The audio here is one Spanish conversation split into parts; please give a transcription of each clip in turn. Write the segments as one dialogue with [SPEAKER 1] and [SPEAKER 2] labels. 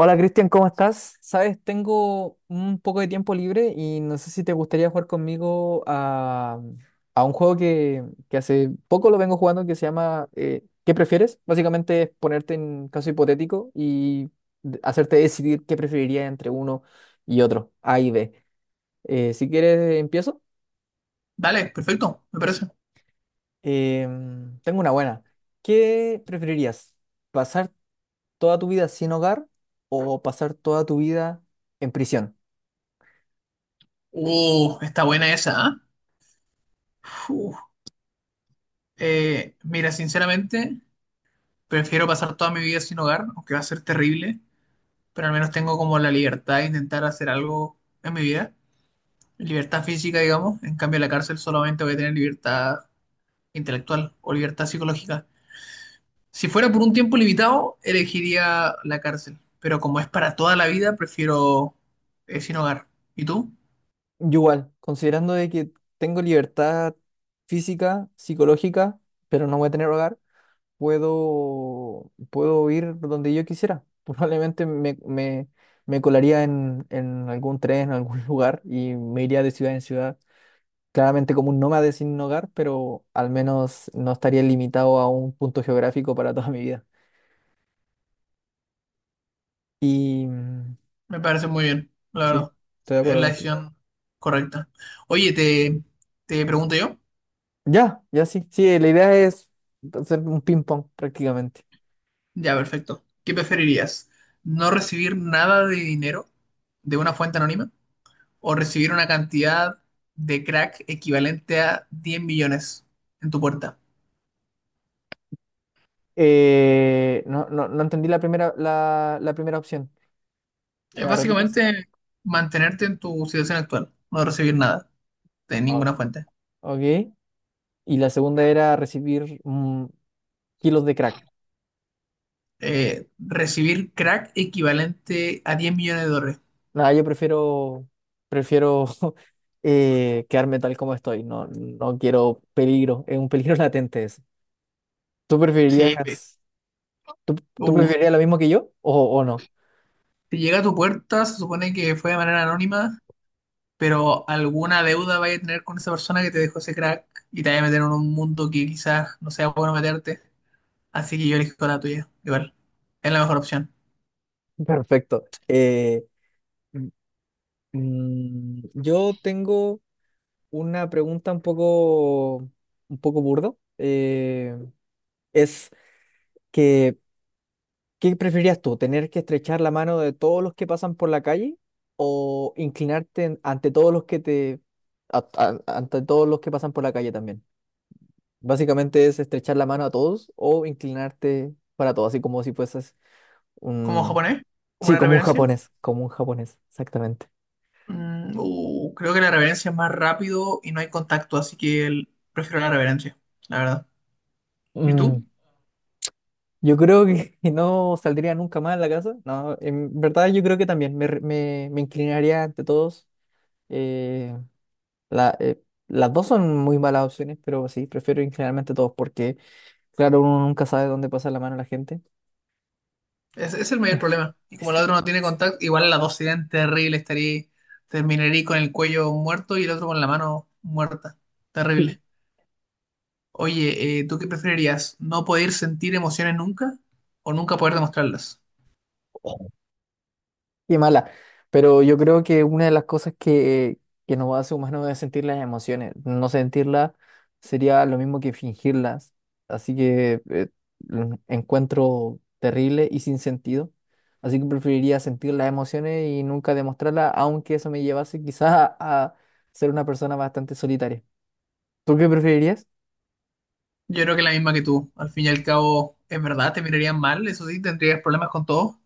[SPEAKER 1] Hola Cristian, ¿cómo estás? Sabes, tengo un poco de tiempo libre y no sé si te gustaría jugar conmigo a un juego que hace poco lo vengo jugando, que se llama ¿Qué prefieres? Básicamente es ponerte en caso hipotético y hacerte decidir qué preferiría entre uno y otro, A y B. Si quieres, empiezo.
[SPEAKER 2] Dale, perfecto, me parece.
[SPEAKER 1] Tengo una buena. ¿Qué preferirías? ¿Pasar toda tu vida sin hogar o pasar toda tu vida en prisión?
[SPEAKER 2] Está buena esa, ¿ah? Uf. Mira, sinceramente, prefiero pasar toda mi vida sin hogar, aunque va a ser terrible, pero al menos tengo como la libertad de intentar hacer algo en mi vida. Libertad física, digamos. En cambio, en la cárcel solamente voy a tener libertad intelectual o libertad psicológica. Si fuera por un tiempo limitado, elegiría la cárcel, pero como es para toda la vida, prefiero sin hogar. ¿Y tú?
[SPEAKER 1] Yo igual, considerando de que tengo libertad física, psicológica, pero no voy a tener hogar, puedo ir donde yo quisiera. Probablemente me colaría en algún tren, en algún lugar, y me iría de ciudad en ciudad. Claramente como un nómade sin hogar, pero al menos no estaría limitado a un punto geográfico para toda mi vida. Y mm,
[SPEAKER 2] Me parece muy bien, la
[SPEAKER 1] sí,
[SPEAKER 2] verdad.
[SPEAKER 1] estoy de
[SPEAKER 2] Es
[SPEAKER 1] acuerdo
[SPEAKER 2] la
[SPEAKER 1] contigo.
[SPEAKER 2] decisión correcta. Oye, te pregunto yo.
[SPEAKER 1] Ya, ya sí. Sí, la idea es hacer un ping-pong prácticamente.
[SPEAKER 2] Ya, perfecto. ¿Qué preferirías? ¿No recibir nada de dinero de una fuente anónima o recibir una cantidad de crack equivalente a 10 millones en tu puerta?
[SPEAKER 1] No, no, no entendí la primera, la primera opción. ¿Me
[SPEAKER 2] Es
[SPEAKER 1] la repites?
[SPEAKER 2] básicamente mantenerte en tu situación actual, no recibir nada de
[SPEAKER 1] Ah,
[SPEAKER 2] ninguna fuente.
[SPEAKER 1] ok. Y la segunda era recibir kilos de crack.
[SPEAKER 2] Recibir crack equivalente a $10 millones.
[SPEAKER 1] Nada, yo prefiero quedarme tal como estoy. No, no quiero peligro. Es un peligro latente eso. ¿Tú
[SPEAKER 2] Sí, pe-
[SPEAKER 1] preferirías, tú, tú
[SPEAKER 2] uh,
[SPEAKER 1] preferirías lo mismo que yo, o no?
[SPEAKER 2] Si llega a tu puerta, se supone que fue de manera anónima, pero alguna deuda vaya a tener con esa persona que te dejó ese crack y te vaya a meter en un mundo que quizás no sea bueno meterte. Así que yo elijo la tuya, igual. Es la mejor opción.
[SPEAKER 1] Perfecto. Mm, yo tengo una pregunta un poco burdo. Es que, ¿qué preferirías tú? ¿Tener que estrechar la mano de todos los que pasan por la calle, o inclinarte ante todos los que pasan por la calle también? Básicamente es estrechar la mano a todos, o inclinarte para todos, así como si fueses
[SPEAKER 2] ¿Como
[SPEAKER 1] un,
[SPEAKER 2] japonés? ¿Como
[SPEAKER 1] sí,
[SPEAKER 2] una
[SPEAKER 1] como un
[SPEAKER 2] reverencia?
[SPEAKER 1] japonés, como un japonés, exactamente.
[SPEAKER 2] Creo que la reverencia es más rápido y no hay contacto, así que prefiero la reverencia, la verdad. ¿Y
[SPEAKER 1] Mm,
[SPEAKER 2] tú?
[SPEAKER 1] Yo creo que no saldría nunca más de la casa. No, en verdad yo creo que también me inclinaría ante todos. eh, La, eh, las dos son muy malas opciones, pero sí, prefiero generalmente dos porque, claro, uno nunca sabe dónde pasa la mano la gente.
[SPEAKER 2] Ese es el mayor problema. Y como el otro no tiene contacto, igual las dos serían terribles. Estaría, terminaría con el cuello muerto y el otro con la mano muerta.
[SPEAKER 1] Sí.
[SPEAKER 2] Terrible. Oye, ¿tú qué preferirías? ¿No poder sentir emociones nunca o nunca poder demostrarlas?
[SPEAKER 1] Qué mala. Pero yo creo que una de las cosas que nos hace humanos es sentir las emociones. No sentirlas sería lo mismo que fingirlas. Así que lo encuentro terrible y sin sentido. Así que preferiría sentir las emociones y nunca demostrarlas, aunque eso me llevase quizás a ser una persona bastante solitaria. ¿Tú qué preferirías?
[SPEAKER 2] Yo creo que la misma que tú. Al fin y al cabo, es verdad, te mirarían mal, eso sí, tendrías problemas con todo,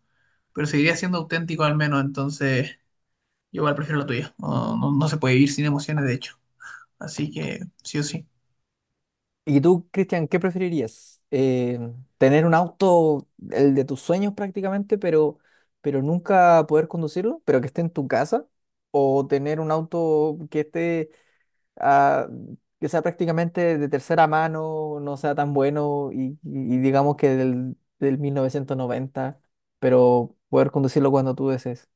[SPEAKER 2] pero seguirías siendo auténtico al menos. Entonces, yo igual prefiero la tuya. No, no, no se puede vivir sin emociones, de hecho. Así que, sí o sí.
[SPEAKER 1] ¿Y tú, Cristian, qué preferirías? ¿Tener un auto, el de tus sueños prácticamente, pero nunca poder conducirlo, pero que esté en tu casa? ¿O tener un auto que esté, ah, que sea prácticamente de tercera mano, no sea tan bueno, y digamos que del 1990, pero poder conducirlo cuando tú desees?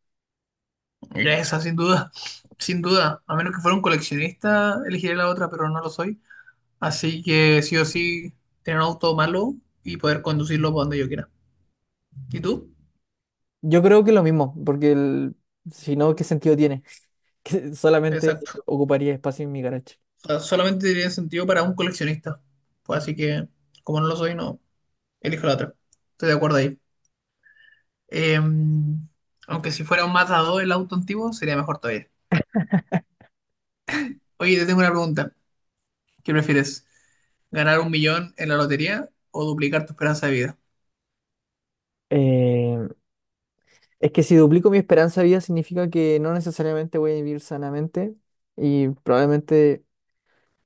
[SPEAKER 2] Esa, sin duda, sin duda. A menos que fuera un coleccionista, elegiría la otra, pero no lo soy. Así que sí o sí, tener un auto malo y poder conducirlo por donde yo quiera. ¿Y tú?
[SPEAKER 1] Yo creo que lo mismo, porque si no, ¿qué sentido tiene? Que solamente
[SPEAKER 2] Exacto.
[SPEAKER 1] ocuparía espacio en mi garage.
[SPEAKER 2] O sea, solamente tiene sentido para un coleccionista. Pues así que, como no lo soy, no, elijo la otra. Estoy de acuerdo ahí. Eh, Aunque si fuera un Mazda 2 el auto antiguo, sería mejor todavía. Oye, te tengo una pregunta. ¿Qué prefieres? ¿Ganar 1 millón en la lotería o duplicar tu esperanza de vida?
[SPEAKER 1] Eh, es que si duplico mi esperanza de vida significa que no necesariamente voy a vivir sanamente, y probablemente,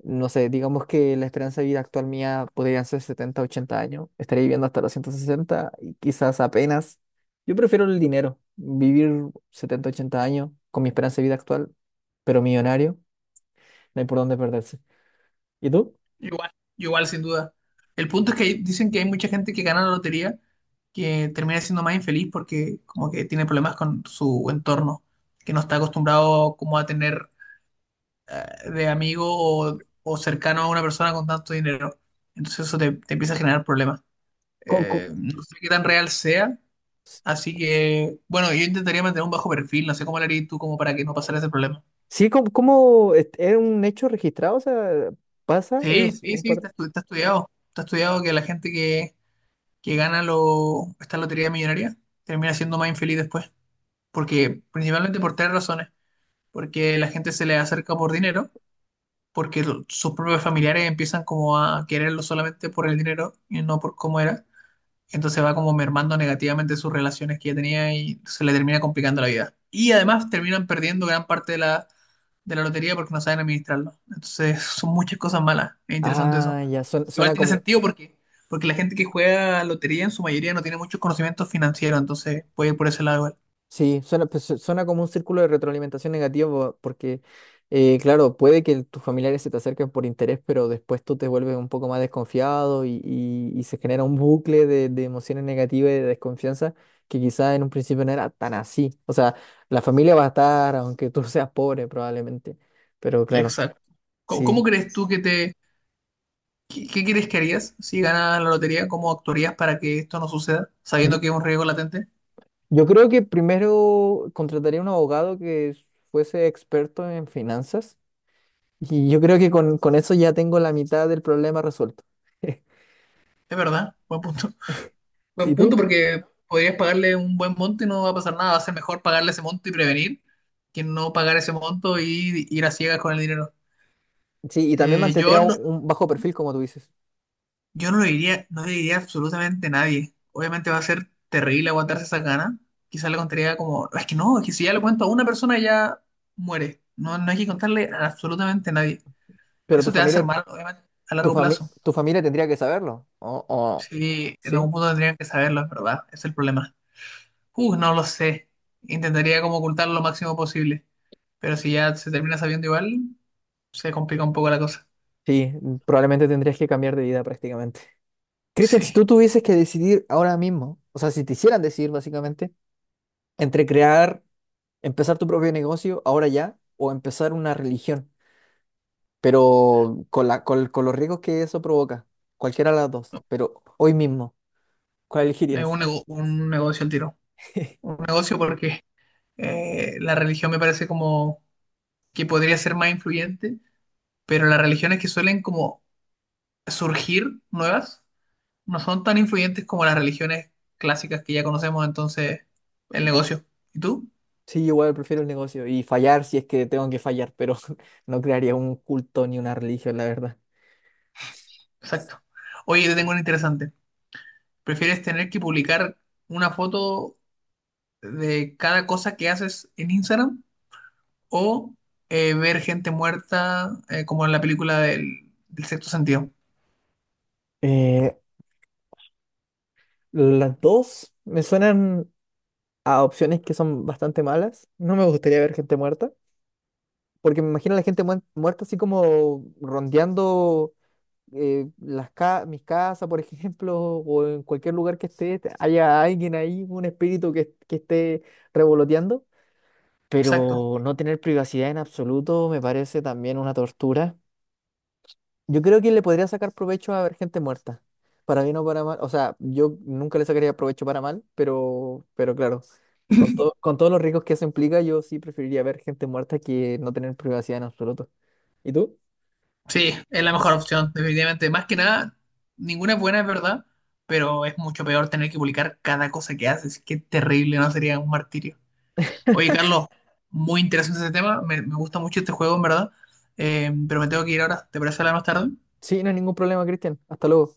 [SPEAKER 1] no sé, digamos que la esperanza de vida actual mía podrían ser 70 80 años, estaré viviendo hasta los 160 y quizás apenas. Yo prefiero el dinero, vivir 70 80 años con mi esperanza de vida actual, pero millonario. No hay por dónde perderse. ¿Y tú?
[SPEAKER 2] Igual, igual, sin duda. El punto es que dicen que hay mucha gente que gana la lotería que termina siendo más infeliz porque como que tiene problemas con su entorno, que no está acostumbrado como a tener de amigo o cercano a una persona con tanto dinero. Entonces eso te empieza a generar problemas.
[SPEAKER 1] ¿Cómo, cómo-
[SPEAKER 2] No sé qué tan real sea, así que bueno, yo intentaría mantener un bajo perfil, no sé cómo lo harías tú como para que no pasara ese problema.
[SPEAKER 1] sí. ¿Es un hecho registrado? O sea, ¿pasa?
[SPEAKER 2] Sí,
[SPEAKER 1] ¿Es
[SPEAKER 2] sí,
[SPEAKER 1] un
[SPEAKER 2] sí,
[SPEAKER 1] par?
[SPEAKER 2] está estudiado. Está estudiado que la gente que gana esta lotería millonaria termina siendo más infeliz después. Porque, principalmente por 3 razones. Porque la gente se le acerca por dinero, porque sus propios familiares empiezan como a quererlo solamente por el dinero y no por cómo era. Entonces va como mermando negativamente sus relaciones que ya tenía y se le termina complicando la vida. Y además terminan perdiendo gran parte de de la lotería porque no saben administrarlo. Entonces son muchas cosas malas. Es interesante eso.
[SPEAKER 1] Ah, ya, suena,
[SPEAKER 2] Igual
[SPEAKER 1] suena
[SPEAKER 2] tiene
[SPEAKER 1] como.
[SPEAKER 2] sentido porque, porque la gente que juega lotería en su mayoría no tiene muchos conocimientos financieros, entonces puede ir por ese lado igual.
[SPEAKER 1] Sí, suena, pues, suena como un círculo de retroalimentación negativo, porque, claro, puede que tus familiares se te acerquen por interés, pero después tú te vuelves un poco más desconfiado, y se genera un bucle de emociones negativas y de desconfianza, que quizás en un principio no era tan así. O sea, la familia va a estar, aunque tú seas pobre probablemente, pero claro,
[SPEAKER 2] Exacto. ¿Cómo
[SPEAKER 1] sí.
[SPEAKER 2] crees tú que te... ¿Qué crees que harías si ganas la lotería? ¿Cómo actuarías para que esto no suceda,
[SPEAKER 1] Yo,
[SPEAKER 2] sabiendo que es un riesgo latente?
[SPEAKER 1] yo creo que primero contrataría un abogado que fuese experto en finanzas. Y yo creo que con eso ya tengo la mitad del problema resuelto.
[SPEAKER 2] Es verdad, buen punto. Buen
[SPEAKER 1] ¿Y tú?
[SPEAKER 2] punto porque podrías pagarle un buen monto y no va a pasar nada. Va a ser mejor pagarle ese monto y prevenir que no pagar ese monto y ir a ciegas con el dinero.
[SPEAKER 1] Sí, y también
[SPEAKER 2] Eh, yo
[SPEAKER 1] mantendría un
[SPEAKER 2] no,
[SPEAKER 1] un bajo perfil, como tú dices.
[SPEAKER 2] Yo no lo diría, no le diría absolutamente a nadie. Obviamente va a ser terrible aguantarse esa gana. Quizás le contaría como, es que no, es que si ya le cuento a una persona ya muere. No, no hay que contarle a absolutamente nadie.
[SPEAKER 1] Pero
[SPEAKER 2] Eso
[SPEAKER 1] tu
[SPEAKER 2] te va a hacer
[SPEAKER 1] familia,
[SPEAKER 2] mal, obviamente, a
[SPEAKER 1] tu
[SPEAKER 2] largo
[SPEAKER 1] fami-
[SPEAKER 2] plazo.
[SPEAKER 1] tu familia tendría que saberlo.
[SPEAKER 2] Sí, en algún
[SPEAKER 1] Sí,
[SPEAKER 2] punto tendrían que saberlo, es verdad. Es el problema. No lo sé. Intentaría como ocultarlo lo máximo posible. Pero si ya se termina sabiendo igual, se complica un poco la cosa.
[SPEAKER 1] sí, probablemente tendrías que cambiar de vida prácticamente. Cristian, si
[SPEAKER 2] Sí,
[SPEAKER 1] tú tuvieses que decidir ahora mismo, o sea, si te hicieran decidir básicamente, entre empezar tu propio negocio ahora ya, o empezar una religión, pero con los riesgos que eso provoca, cualquiera de las dos, pero hoy mismo. ¿Cuál
[SPEAKER 2] es
[SPEAKER 1] elegirías?
[SPEAKER 2] un, un negocio el tiro. Un negocio porque la religión me parece como que podría ser más influyente, pero las religiones que suelen como surgir nuevas no son tan influyentes como las religiones clásicas que ya conocemos, entonces el negocio. ¿Y tú?
[SPEAKER 1] Sí, igual prefiero el negocio y fallar si es que tengo que fallar, pero no crearía un culto ni una religión, la verdad.
[SPEAKER 2] Exacto. Oye, te tengo una interesante. ¿Prefieres tener que publicar una foto de cada cosa que haces en Instagram o ver gente muerta como en la película del sexto sentido?
[SPEAKER 1] Eh, las dos me suenan a opciones que son bastante malas. No me gustaría ver gente muerta, porque me imagino a la gente muerta así como rondeando mis casas, por ejemplo, o en cualquier lugar que esté, haya alguien ahí, un espíritu que esté revoloteando.
[SPEAKER 2] Exacto.
[SPEAKER 1] Pero no tener privacidad en absoluto me parece también una tortura. Yo creo que le podría sacar provecho a ver gente muerta, para bien o para mal. O sea, yo nunca le sacaría provecho para mal, pero claro, con todos los riesgos que eso implica, yo sí preferiría ver gente muerta que no tener privacidad en absoluto. ¿Y tú?
[SPEAKER 2] Sí, es la mejor opción, definitivamente. Más que nada, ninguna es buena, es verdad, pero es mucho peor tener que publicar cada cosa que haces. Qué terrible, ¿no? Sería un martirio. Oye, Carlos, muy interesante ese tema. Me gusta mucho este juego, en verdad. Pero me tengo que ir ahora. ¿Te parece hablar más tarde?
[SPEAKER 1] Sí, no hay ningún problema, Cristian. Hasta luego.